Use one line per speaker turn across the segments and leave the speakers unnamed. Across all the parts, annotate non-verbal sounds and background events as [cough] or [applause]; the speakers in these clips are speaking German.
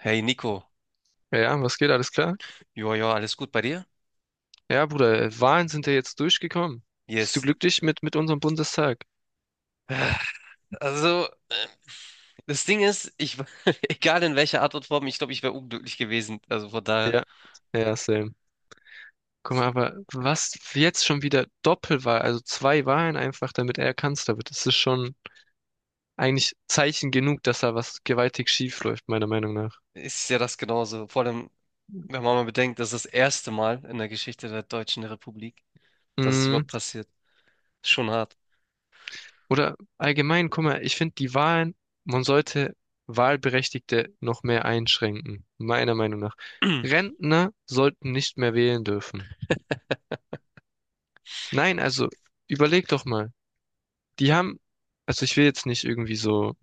Hey Nico,
Ja, ja, was geht? Alles klar?
ja, alles gut bei dir?
Ja, Bruder, Wahlen sind ja jetzt durchgekommen. Bist du
Yes.
glücklich mit unserem Bundestag?
Ah, Also, äh, das Ding ist, [laughs] egal in welcher Art und Form, ich glaube, ich wäre unglücklich gewesen. Also von daher
Ja, ja, same. Guck mal, aber was jetzt schon wieder Doppelwahl, also zwei Wahlen einfach, damit er Kanzler wird, das ist schon eigentlich Zeichen genug, dass da was gewaltig schief läuft, meiner Meinung nach.
ist ja das genauso. Vor allem, wenn man mal bedenkt, das ist das erste Mal in der Geschichte der Deutschen Republik, dass es
Mm,
überhaupt passiert. Schon hart.
oder allgemein, guck mal, ich finde die Wahlen, man sollte Wahlberechtigte noch mehr einschränken, meiner Meinung nach.
[clears throat]
Rentner sollten nicht mehr wählen dürfen. Nein, also überleg doch mal. Die haben, also ich will jetzt nicht irgendwie so,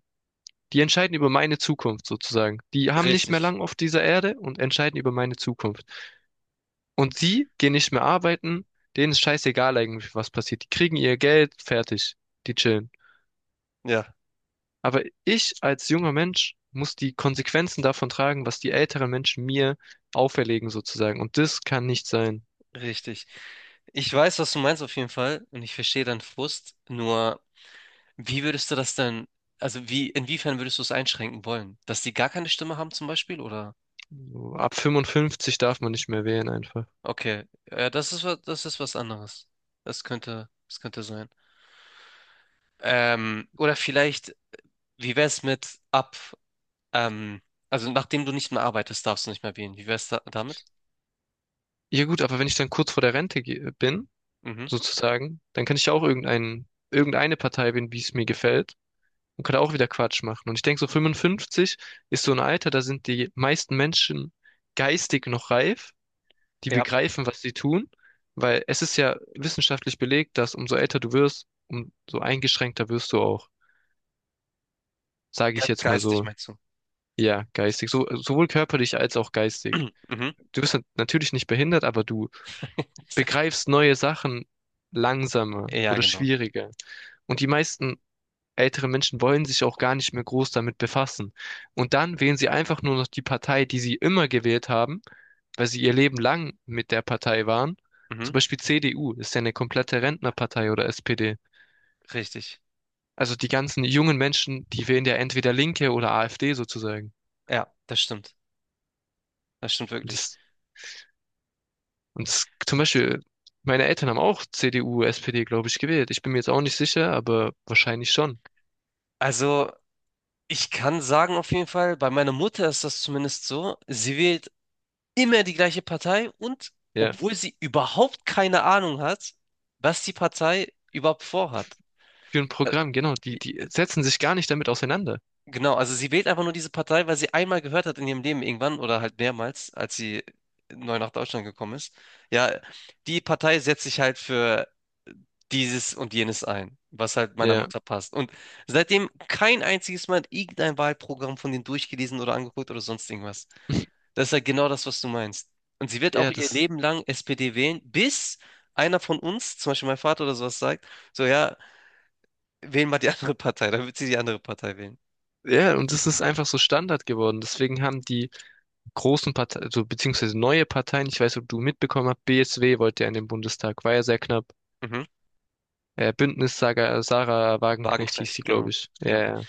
die entscheiden über meine Zukunft sozusagen. Die haben nicht mehr
Richtig.
lang auf dieser Erde und entscheiden über meine Zukunft. Und die gehen nicht mehr arbeiten, denen ist scheißegal eigentlich, was passiert. Die kriegen ihr Geld, fertig, die chillen.
Ja,
Aber ich als junger Mensch muss die Konsequenzen davon tragen, was die älteren Menschen mir auferlegen sozusagen. Und das kann nicht sein.
richtig. Ich weiß, was du meinst auf jeden Fall und ich verstehe deinen Frust, nur. Wie würdest du das denn, also inwiefern würdest du es einschränken wollen? Dass die gar keine Stimme haben zum Beispiel, oder?
So, ab 55 darf man nicht mehr wählen einfach.
Okay, ja, das ist was anderes. Das könnte sein. Oder vielleicht, wie wäre es mit ab, ähm, also nachdem du nicht mehr arbeitest, darfst du nicht mehr wählen. Wie wäre es da, damit?
Ja gut, aber wenn ich dann kurz vor der Rente bin,
Mhm.
sozusagen. Dann kann ich ja auch irgendeine Partei wählen, wie es mir gefällt und kann auch wieder Quatsch machen. Und ich denke, so 55 ist so ein Alter, da sind die meisten Menschen geistig noch reif, die
Ja,
begreifen, was sie tun, weil es ist ja wissenschaftlich belegt, dass umso älter du wirst, umso eingeschränkter wirst du auch, sage
ge
ich jetzt mal
geistig
so.
meinst du.
Ja, geistig, so, sowohl körperlich als auch geistig.
[clears throat] Mhm.
Du bist natürlich nicht behindert, aber du
[laughs]
begreifst neue Sachen langsamer
Ja,
oder
genau.
schwieriger. Und die meisten ältere Menschen wollen sich auch gar nicht mehr groß damit befassen. Und dann wählen sie einfach nur noch die Partei, die sie immer gewählt haben, weil sie ihr Leben lang mit der Partei waren.
Mhm.
Zum Beispiel CDU ist ja eine komplette Rentnerpartei oder SPD.
Richtig.
Also die ganzen jungen Menschen, die wählen ja entweder Linke oder AfD sozusagen.
Ja, das stimmt. Das stimmt
Und
wirklich.
das, und das, zum Beispiel, meine Eltern haben auch CDU, SPD, glaube ich, gewählt. Ich bin mir jetzt auch nicht sicher, aber wahrscheinlich schon.
Also. Ich kann sagen auf jeden Fall, bei meiner Mutter ist das zumindest so. Sie wählt immer die gleiche Partei und
Ja.
obwohl sie überhaupt keine Ahnung hat, was die Partei überhaupt vorhat.
Für ein
Äh,
Programm, genau. Die, die setzen sich gar nicht damit auseinander.
Genau, also sie wählt einfach nur diese Partei, weil sie einmal gehört hat in ihrem Leben irgendwann oder halt mehrmals, als sie neu nach Deutschland gekommen ist. Ja, die Partei setzt sich halt für dieses und jenes ein, was halt meiner
Ja.
Mutter passt. Und seitdem kein einziges Mal irgendein Wahlprogramm von denen durchgelesen oder angeguckt oder sonst irgendwas. Das ist ja genau das, was du meinst. Und sie wird auch
Ja,
ihr
das
Leben lang SPD wählen, bis einer von uns, zum Beispiel mein Vater oder sowas, sagt, so ja, wählen mal die [laughs] andere Partei, dann wird sie die andere Partei wählen.
Ja, und es ist einfach so Standard geworden. Deswegen haben die großen Parteien, also beziehungsweise neue Parteien, ich weiß, ob du mitbekommen hast, BSW wollte ja in den Bundestag, war ja sehr knapp.
Mhm.
Bündnis Saga, Sarah Wagenknecht hieß
Wagenknecht,
sie,
genau.
glaube ich. Ja,
Ja.
ja.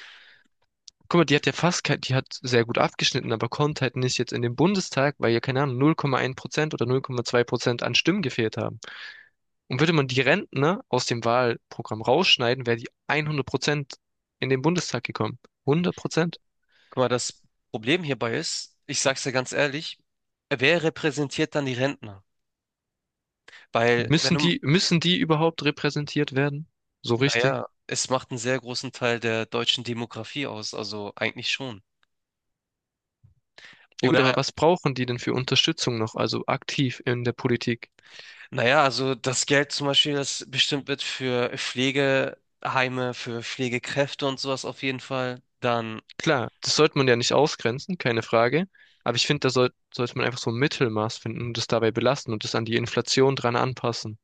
Guck mal, die hat ja fast, die hat sehr gut abgeschnitten, aber kommt halt nicht jetzt in den Bundestag, weil ja, keine Ahnung, 0,1% oder 0,2% an Stimmen gefehlt haben. Und würde man die Rentner aus dem Wahlprogramm rausschneiden, wäre die 100% in den Bundestag gekommen. 100%.
Guck mal, das Problem hierbei ist, ich sag's dir ganz ehrlich, wer repräsentiert dann die Rentner? Weil, wenn du,
Müssen die überhaupt repräsentiert werden? So richtig?
naja, es macht einen sehr großen Teil der deutschen Demografie aus, also eigentlich schon.
Ja gut,
Oder
aber was brauchen die denn für Unterstützung noch, also aktiv in der Politik?
naja, also das Geld zum Beispiel, das bestimmt wird für Pflegeheime, für Pflegekräfte und sowas auf jeden Fall, dann
Klar, das sollte man ja nicht ausgrenzen, keine Frage. Aber ich finde, da sollte man einfach so ein Mittelmaß finden und das dabei belassen und das an die Inflation dran anpassen.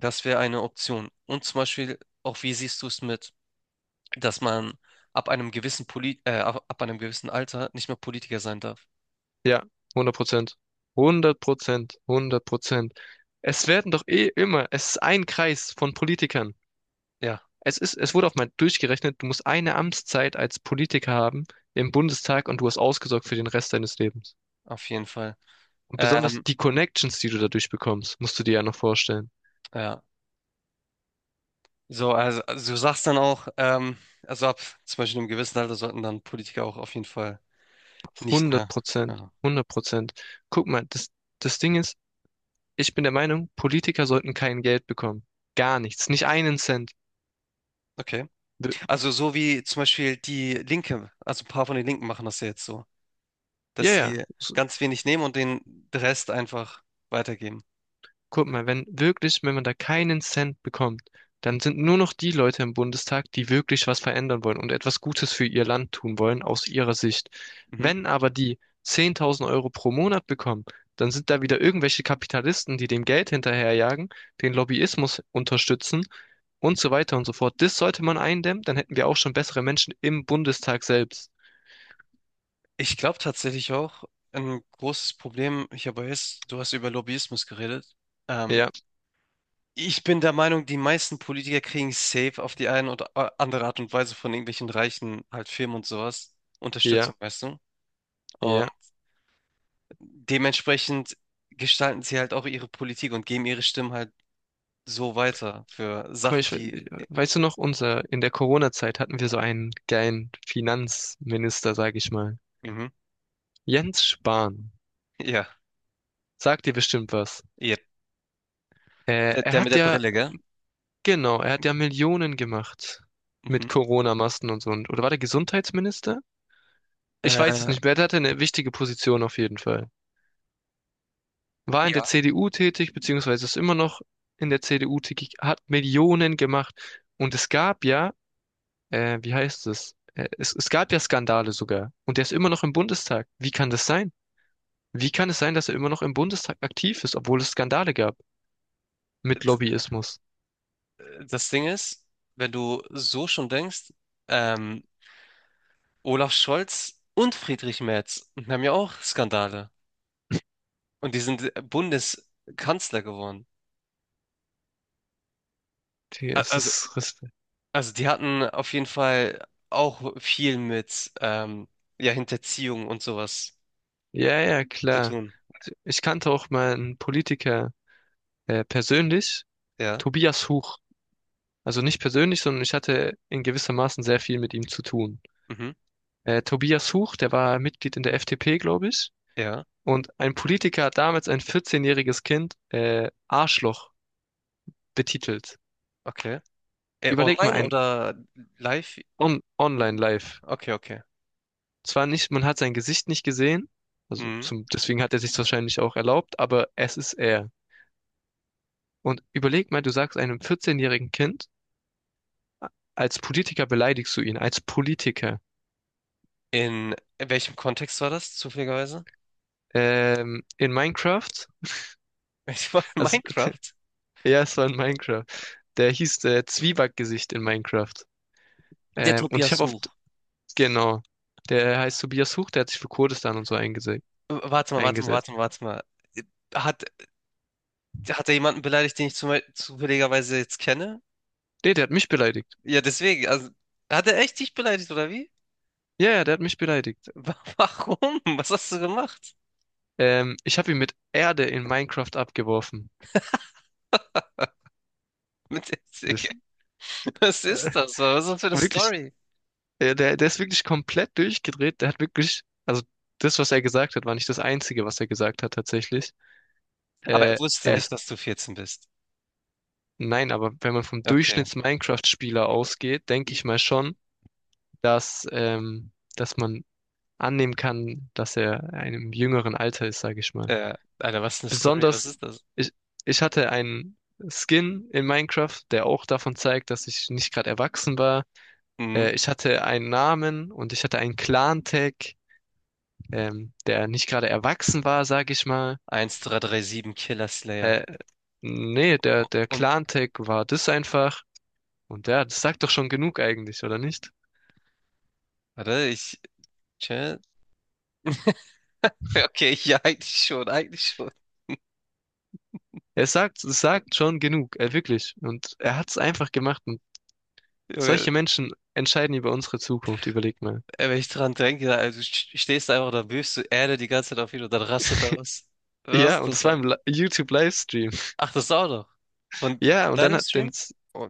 das wäre eine Option. Und zum Beispiel auch, wie siehst du es mit, dass man ab einem gewissen Alter nicht mehr Politiker sein darf?
Ja, 100%. 100%, hundert Prozent. Es werden doch eh immer, es ist ein Kreis von Politikern.
Ja,
Es ist, es wurde auch mal durchgerechnet, du musst eine Amtszeit als Politiker haben im Bundestag und du hast ausgesorgt für den Rest deines Lebens.
auf jeden Fall.
Und besonders
Ähm,
die Connections, die du dadurch bekommst, musst du dir ja noch vorstellen.
ja, also du sagst dann auch, also ab zum Beispiel einem gewissen Alter sollten dann Politiker auch auf jeden Fall nicht
Hundert
mehr.
Prozent,
Ja,
Hundert Prozent. Guck mal, das, das Ding ist, ich bin der Meinung, Politiker sollten kein Geld bekommen. Gar nichts, nicht einen Cent.
okay.
Wir-
Also so wie zum Beispiel die Linke, also ein paar von den Linken machen das ja jetzt so,
Ja,
dass
ja,
sie
s-
ganz wenig nehmen und den Rest einfach weitergeben.
Guck mal, wenn wirklich, wenn man da keinen Cent bekommt, dann sind nur noch die Leute im Bundestag, die wirklich was verändern wollen und etwas Gutes für ihr Land tun wollen, aus ihrer Sicht.
Mhm.
Wenn aber die 10.000 € pro Monat bekommen, dann sind da wieder irgendwelche Kapitalisten, die dem Geld hinterherjagen, den Lobbyismus unterstützen und so weiter und so fort. Das sollte man eindämmen, dann hätten wir auch schon bessere Menschen im Bundestag selbst.
Ich glaube tatsächlich auch, ein großes Problem, ich habe jetzt, du hast über Lobbyismus geredet. Ähm,
Ja,
ich bin der Meinung, die meisten Politiker kriegen safe auf die eine oder andere Art und Weise von irgendwelchen reichen halt Firmen und sowas
ja,
Unterstützung, weißt du? Und
ja.
dementsprechend gestalten sie halt auch ihre Politik und geben ihre Stimmen halt so weiter für
Guck mal,
Sachen, die
weißt du noch, unser, in der Corona-Zeit hatten wir so einen geilen Finanzminister, sag ich mal.
mhm.
Jens Spahn.
Ja,
Sagt dir bestimmt was.
ja. Der,
Er
der mit
hat
der
ja,
Brille, gell?
genau, er hat ja Millionen gemacht
Mhm.
mit Corona-Masken und so. Und, oder war der Gesundheitsminister? Ich weiß es
Äh,
nicht mehr. Er hatte eine wichtige Position auf jeden Fall. War in der
ja,
CDU tätig, beziehungsweise ist immer noch in der CDU tätig, hat Millionen gemacht. Und es gab ja wie heißt es? Es gab ja Skandale sogar. Und der ist immer noch im Bundestag. Wie kann das sein? Wie kann es sein, dass er immer noch im Bundestag aktiv ist, obwohl es Skandale gab mit
d-
Lobbyismus?
das Ding ist, wenn du so schon denkst, ähm, Olaf Scholz und Friedrich Merz haben ja auch Skandale. Und die sind Bundeskanzler geworden.
Digga,
A- Also, also die hatten auf jeden Fall auch viel mit ja, Hinterziehung und sowas
Ja, ja,
zu
klar.
tun.
Und ich kannte auch mal einen Politiker persönlich,
Ja,
Tobias Huch. Also nicht persönlich, sondern ich hatte in gewissermaßen sehr viel mit ihm zu tun.
mhm.
Tobias Huch, der war Mitglied in der FDP, glaube ich.
Ja,
Und ein Politiker hat damals ein 14-jähriges Kind Arschloch betitelt.
okay.
Überleg mal
Online
ein
oder live?
On Online-Live.
Okay, okay.
Zwar nicht, man hat sein Gesicht nicht gesehen, also
Mhm.
zum, deswegen hat er sich wahrscheinlich auch erlaubt, aber es ist er. Und überleg mal, du sagst einem 14-jährigen Kind, als Politiker beleidigst du ihn, als Politiker.
In welchem Kontext war das, zufälligerweise? [laughs]
In Minecraft,
Ich war in
also [laughs]
Minecraft.
ja, es war in Minecraft. Der hieß Zwiebackgesicht in Minecraft.
Der
Und ich
Tobias
habe
Such.
oft, genau, der heißt Tobias Huch, der hat sich für Kurdistan und so
Warte mal, warte mal,
eingesetzt.
warte mal, warte mal. Äh, Hat, hat er jemanden beleidigt, den ich zufälligerweise jetzt kenne?
Nee, der hat mich beleidigt.
Ja, deswegen. Also, hat er echt dich beleidigt, oder wie?
Ja, ja, der hat mich beleidigt.
[laughs] Warum? Was hast du gemacht?
Ich habe ihn mit Erde in Minecraft abgeworfen.
[laughs] Mit der Zicke?
Das,
Was
äh,
ist das? Was ist das für eine
wirklich,
Story?
der, der ist wirklich komplett durchgedreht. Der hat wirklich, also das, was er gesagt hat, war nicht das Einzige, was er gesagt hat tatsächlich.
Aber er
Äh,
wusste
er
nicht,
ist,
dass du 14 bist.
nein, aber wenn man vom
Okay.
Durchschnitts-Minecraft-Spieler ausgeht, denke
I-
ich mal schon, dass, ähm, dass man annehmen kann, dass er in einem jüngeren Alter ist, sage ich mal.
Äh, Alter, was eine Story? Was
Besonders,
ist das?
ich, ich hatte einen Skin in Minecraft, der auch davon zeigt, dass ich nicht gerade erwachsen war.
Mhm.
Ich hatte einen Namen und ich hatte einen Clan-Tag, der nicht gerade erwachsen war, sag ich mal.
1337 Killer Slayer.
Äh, Nee, der, der
Und,
Clan-Tag war das einfach. Und ja, das sagt doch schon genug eigentlich, oder nicht?
warte, ich. Chat. [laughs] Okay, ja, eigentlich schon, eigentlich schon.
Er sagt, es sagt schon genug, wirklich. Und er hat es einfach gemacht. Und
Junge,
solche Menschen entscheiden über unsere Zukunft, überleg mal.
ey, wenn ich dran denke, also du stehst einfach da, wirfst du Erde die ganze Zeit auf ihn und dann rastet er was. Was
Ja,
ist
und
das
das war
dann?
im YouTube-Livestream. [laughs]
Ach, das auch noch.
Ja,
Von
und dann
deinem
hat den,
Stream? Oh,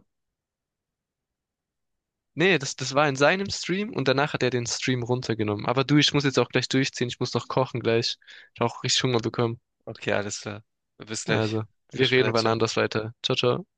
Nee, das, das war in seinem Stream und danach hat er den Stream runtergenommen. Aber du, ich muss jetzt auch gleich durchziehen. Ich muss noch kochen gleich. Ich habe auch richtig Hunger bekommen.
okay, alles klar. Bis gleich.
Also,
Bis
wir
später.
reden wann
Ciao.
anders weiter. Ciao, ciao.